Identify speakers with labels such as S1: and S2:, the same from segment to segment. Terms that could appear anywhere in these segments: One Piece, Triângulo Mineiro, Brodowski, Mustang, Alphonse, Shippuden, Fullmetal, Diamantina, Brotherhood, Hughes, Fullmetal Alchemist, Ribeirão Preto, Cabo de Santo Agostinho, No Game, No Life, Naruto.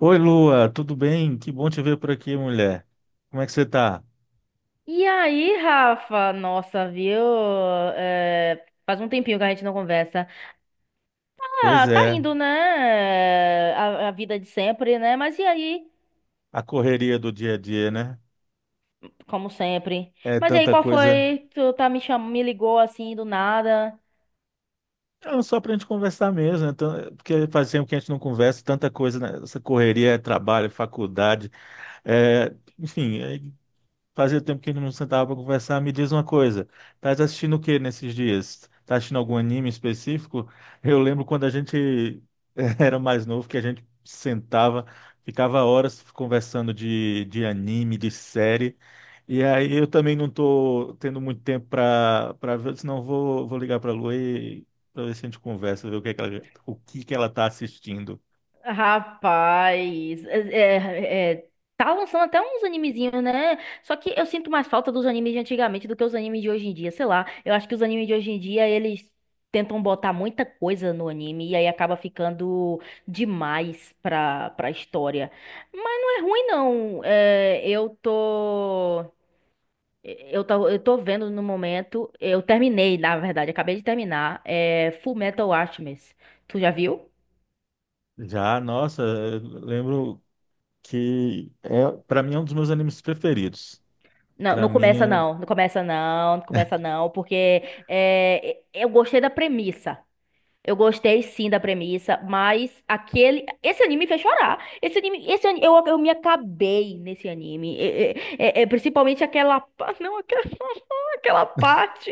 S1: Oi, Lua, tudo bem? Que bom te ver por aqui, mulher. Como é que você tá?
S2: E aí, Rafa? Nossa, viu? É, faz um tempinho que a gente não conversa.
S1: Pois
S2: Ah, tá
S1: é,
S2: indo, né? A vida de sempre, né? Mas e aí?
S1: a correria do dia a dia, né?
S2: Como sempre.
S1: É
S2: Mas e aí,
S1: tanta
S2: qual
S1: coisa.
S2: foi? Tu tá me chamando, me ligou assim do nada.
S1: Não, só pra gente conversar mesmo, né? Porque faz tempo que a gente não conversa, tanta coisa, né? Essa correria é trabalho, faculdade, enfim, fazia tempo que a gente não sentava para conversar. Me diz uma coisa, estás assistindo o que nesses dias? Tá assistindo algum anime específico? Eu lembro quando a gente era mais novo, que a gente sentava, ficava horas conversando de anime, de série. E aí eu também não tô tendo muito tempo para ver, senão vou ligar para a Lua e para ver se a gente conversa, ver o que é que ela, o que que ela tá assistindo.
S2: Rapaz, é, é, tá lançando até uns animezinhos, né? Só que eu sinto mais falta dos animes de antigamente do que os animes de hoje em dia, sei lá. Eu acho que os animes de hoje em dia, eles tentam botar muita coisa no anime e aí acaba ficando demais pra história. Mas não é ruim, não. Eu tô vendo no momento. Eu terminei, na verdade, acabei de terminar, é Fullmetal Alchemist. Tu já viu?
S1: Já, nossa, eu lembro que para mim é um dos meus animes preferidos.
S2: Não,
S1: Para
S2: não
S1: mim,
S2: começa não, não começa não, não começa não, porque é, eu gostei da premissa. Eu gostei sim da premissa, mas esse anime me fez chorar. Esse anime, eu me acabei nesse anime. Principalmente aquela, não, aquela, aquela parte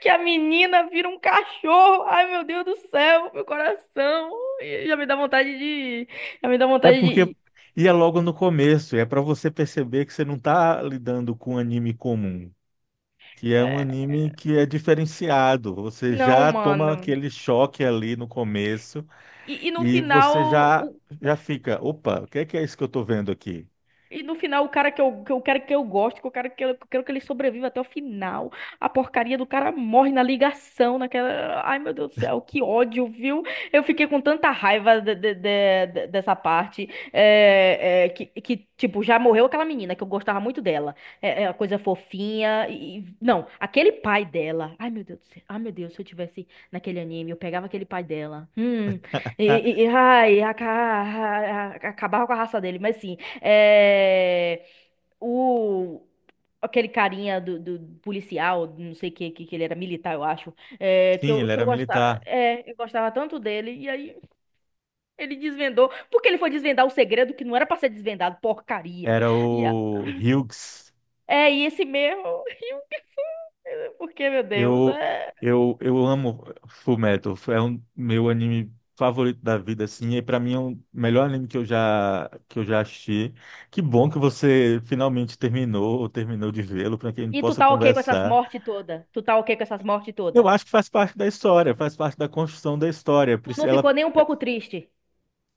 S2: que a menina vira um cachorro. Ai, meu Deus do céu, meu coração. E já me dá vontade de, já me dá
S1: é
S2: vontade
S1: porque
S2: de,
S1: e é logo no começo, é para você perceber que você não está lidando com um anime comum, que é um
S2: eh,
S1: anime que é diferenciado. Você
S2: não,
S1: já toma
S2: mano.
S1: aquele choque ali no começo
S2: E, e no
S1: e
S2: final,
S1: você já
S2: o,
S1: já fica, opa, o que é isso que eu estou vendo aqui?
S2: E no final, o cara que eu quero que eu goste, que eu quero que, que eu quero que ele sobreviva até o final, a porcaria do cara morre na ligação, naquela. Ai, meu Deus do céu, que ódio, viu? Eu fiquei com tanta raiva dessa parte, que, tipo, já morreu aquela menina, que eu gostava muito dela. É, é a coisa fofinha. Não, aquele pai dela. Ai, meu Deus do céu. Ai, meu Deus, se eu tivesse naquele anime, eu pegava aquele pai dela.
S1: Ah,
S2: Ai, acabava com a raça dele, mas sim. É, o, Aquele carinha do policial, não sei que ele era militar, eu acho, que
S1: sim,
S2: eu,
S1: ele
S2: que
S1: era
S2: eu gostava,
S1: militar,
S2: eu gostava tanto dele, e aí ele desvendou, porque ele foi desvendar o segredo que não era pra ser desvendado, porcaria.
S1: era
S2: E, a-
S1: o Hughes.
S2: Esse mesmo, e o que foi? Porque, meu Deus,
S1: Eu,
S2: é...
S1: eu amo Fullmetal, é um meu anime favorito da vida, assim, e para mim é o melhor anime que eu já assisti. Que bom que você finalmente terminou ou terminou de vê-lo para que a gente
S2: E tu
S1: possa
S2: tá ok com essas
S1: conversar.
S2: mortes todas? Tu tá ok com essas mortes
S1: Eu
S2: todas?
S1: acho que faz parte da história, faz parte da construção da história.
S2: Tu não
S1: Ela,
S2: ficou nem um pouco triste?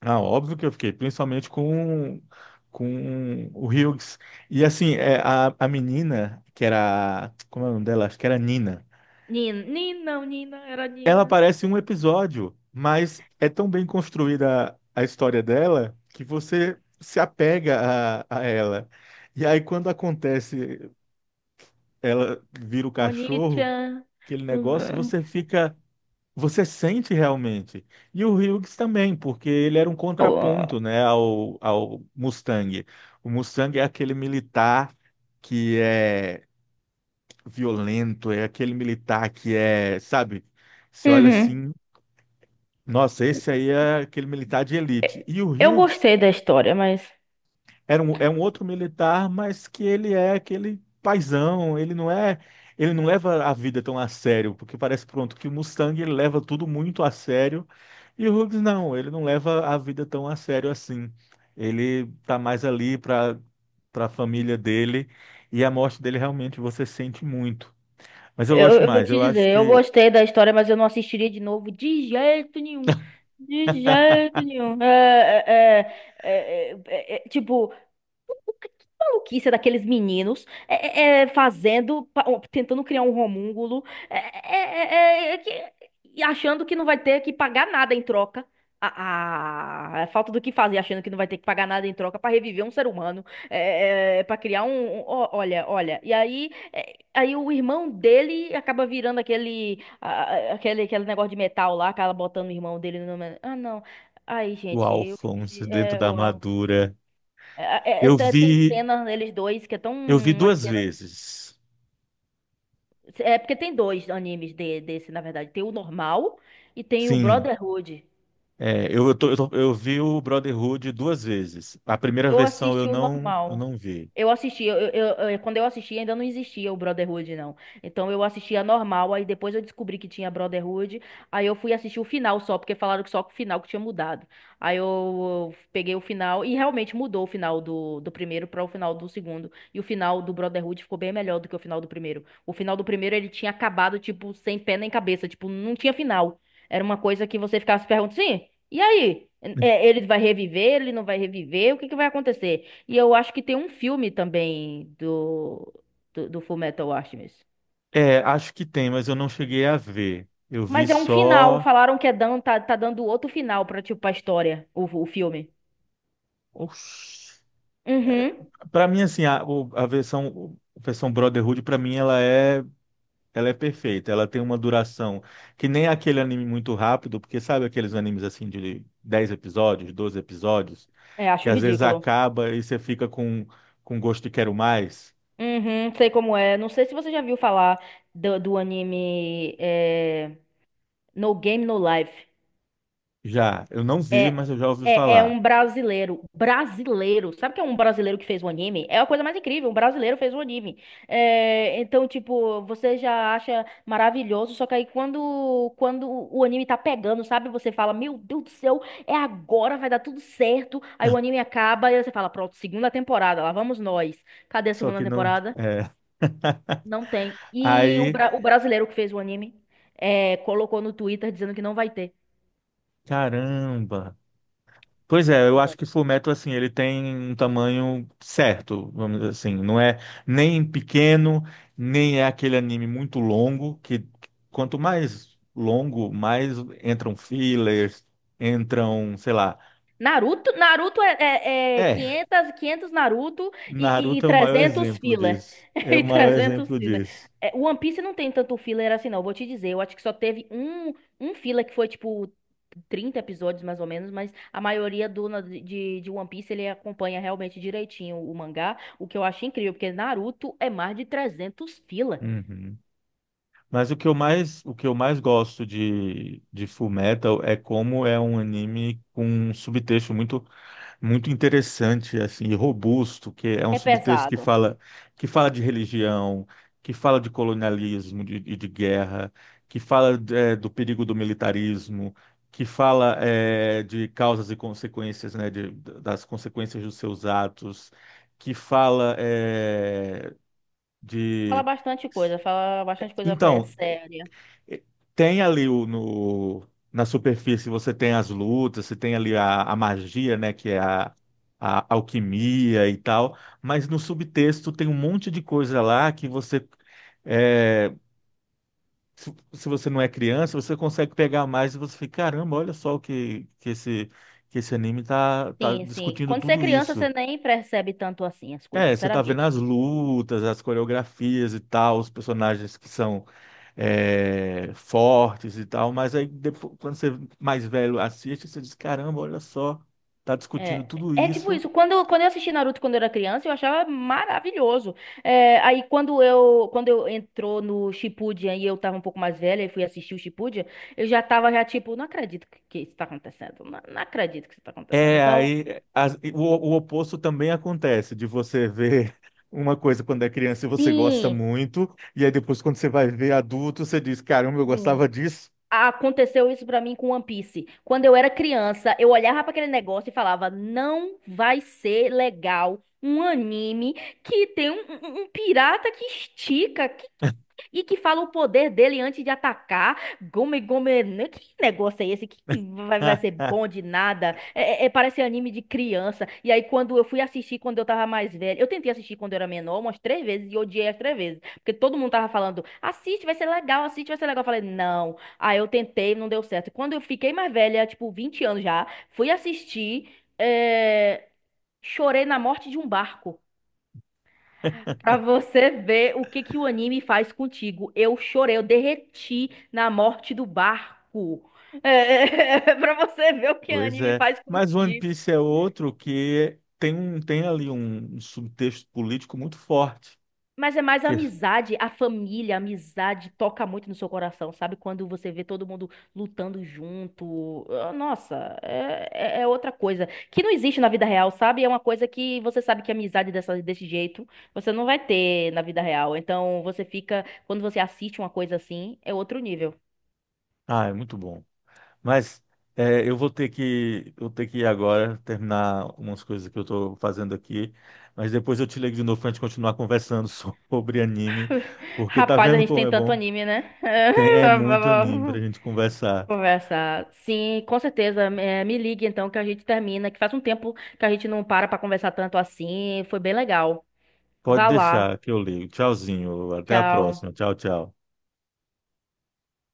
S1: ah, óbvio que eu fiquei, principalmente com o Hughes. E assim, é, a menina que era, como é o nome dela? Acho que era Nina.
S2: Nina, Nina, não, Nina, era
S1: Ela
S2: Nina.
S1: aparece em um episódio, mas é tão bem construída a história dela que você se apega a ela. E aí, quando acontece, ela vira o cachorro,
S2: Onichan.
S1: aquele negócio, você fica. Você sente realmente. E o Hughes também, porque ele era um contraponto,
S2: Ó,
S1: né, ao Mustang. O Mustang é aquele militar que é violento, é aquele militar que é, sabe? Você olha
S2: uhum.
S1: assim. Nossa, esse aí é aquele militar de elite. E o
S2: Eu
S1: Hughes
S2: gostei da história, mas
S1: era um, é um outro militar, mas que ele é aquele paizão, ele não leva a vida tão a sério, porque parece pronto que o Mustang ele leva tudo muito a sério, e o Hughes não, ele não leva a vida tão a sério assim. Ele tá mais ali para para a família dele, e a morte dele realmente você sente muito. Mas eu
S2: eu,
S1: gosto
S2: eu vou
S1: mais,
S2: te
S1: eu acho
S2: dizer, eu
S1: que
S2: gostei da história, mas eu não assistiria de novo de jeito nenhum. De jeito nenhum. Tipo, que maluquice é daqueles meninos fazendo, ó, tentando criar um homúnculo, é, é, é, é, é, que- e achando que não vai ter que pagar nada em troca. A, a falta do que fazer, achando que não vai ter que pagar nada em troca pra reviver um ser humano, é, para criar um, ó, olha, olha. E aí, o irmão dele acaba virando aquele, a- aquele, aquele negócio de metal lá, acaba botando o irmão dele no. Ah, não. Aí,
S1: o
S2: gente,
S1: Alphonse dentro da
S2: eu, é,
S1: armadura.
S2: é- é- é-
S1: Eu
S2: tá, tem
S1: vi
S2: cena neles dois que é tão
S1: Eu vi
S2: uma
S1: duas
S2: cena.
S1: vezes.
S2: É porque tem dois animes desse, na verdade. Tem o normal e tem o
S1: Sim.
S2: Brotherhood.
S1: É, eu vi o Brotherhood duas vezes. A primeira
S2: Eu
S1: versão
S2: assisti o
S1: eu
S2: normal.
S1: não vi.
S2: Eu assisti, quando eu assisti ainda não existia o Brotherhood, não. Então eu assistia normal, aí depois eu descobri que tinha Brotherhood, aí eu fui assistir o final só, porque falaram que só o final que tinha mudado. Aí eu peguei o final e realmente mudou o final do primeiro para o final do segundo. E o final do Brotherhood ficou bem melhor do que o final do primeiro. O final do primeiro ele tinha acabado, tipo, sem pé nem cabeça, tipo, não tinha final. Era uma coisa que você ficava se perguntando, sim, e aí? É, ele vai reviver, ele não vai reviver, o que que vai acontecer? E eu acho que tem um filme também do Fullmetal Alchemist.
S1: É, acho que tem, mas eu não cheguei a ver. Eu vi
S2: Mas é um final.
S1: só.
S2: Falaram que é dando, tá dando outro final pra, tipo, a história, o filme.
S1: Oxi. É,
S2: Uhum.
S1: para mim, assim, a versão Brotherhood, para mim, ela é perfeita, ela tem uma duração que nem aquele anime muito rápido, porque sabe aqueles animes assim de 10 episódios, 12 episódios,
S2: É,
S1: que
S2: acho
S1: às vezes
S2: ridículo.
S1: acaba e você fica com gosto de quero mais?
S2: Uhum, sei como é. Não sei se você já viu falar do anime, No Game, No Life.
S1: Já, eu não vi,
S2: É,
S1: mas eu já ouvi
S2: É
S1: falar.
S2: um brasileiro. Brasileiro. Sabe o que é um brasileiro que fez o anime? É a coisa mais incrível. Um brasileiro fez o anime. É, então, tipo, você já acha maravilhoso. Só que aí quando o anime tá pegando, sabe? Você fala, meu Deus do céu, é agora, vai dar tudo certo. Aí o anime acaba e aí você fala, pronto, segunda temporada, lá vamos nós. Cadê a
S1: Só
S2: segunda
S1: que não.
S2: temporada?
S1: É.
S2: Não tem. E o,
S1: Aí,
S2: bra- o brasileiro que fez o anime, colocou no Twitter dizendo que não vai ter.
S1: caramba! Pois é, eu acho que Fullmetal, assim, ele tem um tamanho certo, vamos dizer assim. Não é nem pequeno, nem é aquele anime muito longo, que quanto mais longo, mais entram fillers, entram, sei lá.
S2: Naruto? Naruto
S1: É,
S2: 500, 500 Naruto e
S1: Naruto é o maior
S2: 300
S1: exemplo
S2: filler.
S1: disso. É o
S2: E
S1: maior
S2: 300
S1: exemplo
S2: filler.
S1: disso.
S2: É, One Piece não tem tanto filler assim, não. Vou te dizer, eu acho que só teve um filler que foi, tipo, 30 episódios, mais ou menos, mas a maioria de One Piece, ele acompanha realmente direitinho o mangá, o que eu acho incrível, porque Naruto é mais de 300 filler.
S1: Uhum. Mas o que eu mais gosto de Fullmetal é como é um anime com um subtexto muito muito interessante assim e robusto, que é um
S2: É
S1: subtexto
S2: pesado.
S1: que fala de religião, que fala de colonialismo e de guerra, que fala é, do perigo do militarismo, que fala é, de causas e consequências, né, de, das consequências dos seus atos, que fala é, de
S2: Fala bastante coisa
S1: então
S2: séria.
S1: tem ali o, no, na superfície, você tem as lutas, você tem ali a magia, né, que é a alquimia e tal, mas no subtexto tem um monte de coisa lá que você, é, se você não é criança, você consegue pegar mais e você fica, caramba, olha só que esse anime tá
S2: Sim, sim.
S1: discutindo
S2: Quando você é
S1: tudo
S2: criança, você
S1: isso.
S2: nem percebe tanto assim as coisas,
S1: É, você tá vendo
S2: sinceramente.
S1: as lutas, as coreografias e tal, os personagens que são é, fortes e tal, mas aí depois, quando você mais velho assiste, você diz, caramba, olha só, tá discutindo
S2: É,
S1: tudo
S2: é tipo
S1: isso.
S2: isso. Quando eu assisti Naruto quando eu era criança, eu achava maravilhoso. É, aí quando eu entrou no Shippuden e eu tava um pouco mais velha e fui assistir o Shippuden, eu já tava já tipo, não acredito que isso tá acontecendo. Não, não acredito que isso tá acontecendo.
S1: É,
S2: Então,
S1: o oposto também acontece, de você ver uma coisa quando é criança e você gosta
S2: sim,
S1: muito, e aí depois quando você vai ver adulto, você diz, caramba, eu
S2: sim.
S1: gostava disso.
S2: Aconteceu isso pra mim com One Piece. Quando eu era criança, eu olhava pra aquele negócio e falava: não vai ser legal um anime que tem um pirata que estica e que fala o poder dele antes de atacar. Gome Gome. Né? Que negócio é esse? Que vai ser bom de nada. Parece anime de criança. E aí, quando eu fui assistir quando eu tava mais velha. Eu tentei assistir quando eu era menor umas três vezes e odiei as três vezes. Porque todo mundo tava falando: assiste, vai ser legal, assiste, vai ser legal. Eu falei: não. Aí eu tentei, não deu certo. Quando eu fiquei mais velha, tipo 20 anos já, fui assistir. é, Chorei na morte de um barco. Pra você ver o que que o anime faz contigo. Eu chorei, eu derreti na morte do barco. É, pra você ver o que o
S1: Pois
S2: anime
S1: é,
S2: faz
S1: mas One
S2: contigo.
S1: Piece é outro que tem, um, tem ali um subtexto político muito forte.
S2: Mas é mais a
S1: Que,
S2: amizade, a família, a amizade toca muito no seu coração, sabe? Quando você vê todo mundo lutando junto. Ah, nossa, é outra coisa. Que não existe na vida real, sabe? É uma coisa que você sabe que amizade dessa, desse jeito você não vai ter na vida real. Então você fica, quando você assiste uma coisa assim, é outro nível.
S1: ah, é muito bom. Mas é, eu ter que ir agora terminar umas coisas que eu estou fazendo aqui, mas depois eu te ligo de novo para a gente continuar conversando sobre anime, porque tá
S2: Rapaz, a
S1: vendo
S2: gente
S1: como
S2: tem
S1: é
S2: tanto
S1: bom?
S2: anime, né?
S1: Tem, é muito anime para a gente conversar.
S2: Conversar. Sim, com certeza. É, me ligue então que a gente termina, que faz um tempo que a gente não para pra conversar tanto assim. Foi bem legal.
S1: Pode
S2: Vá lá.
S1: deixar que eu ligo. Tchauzinho, até a
S2: Tchau.
S1: próxima. Tchau, tchau.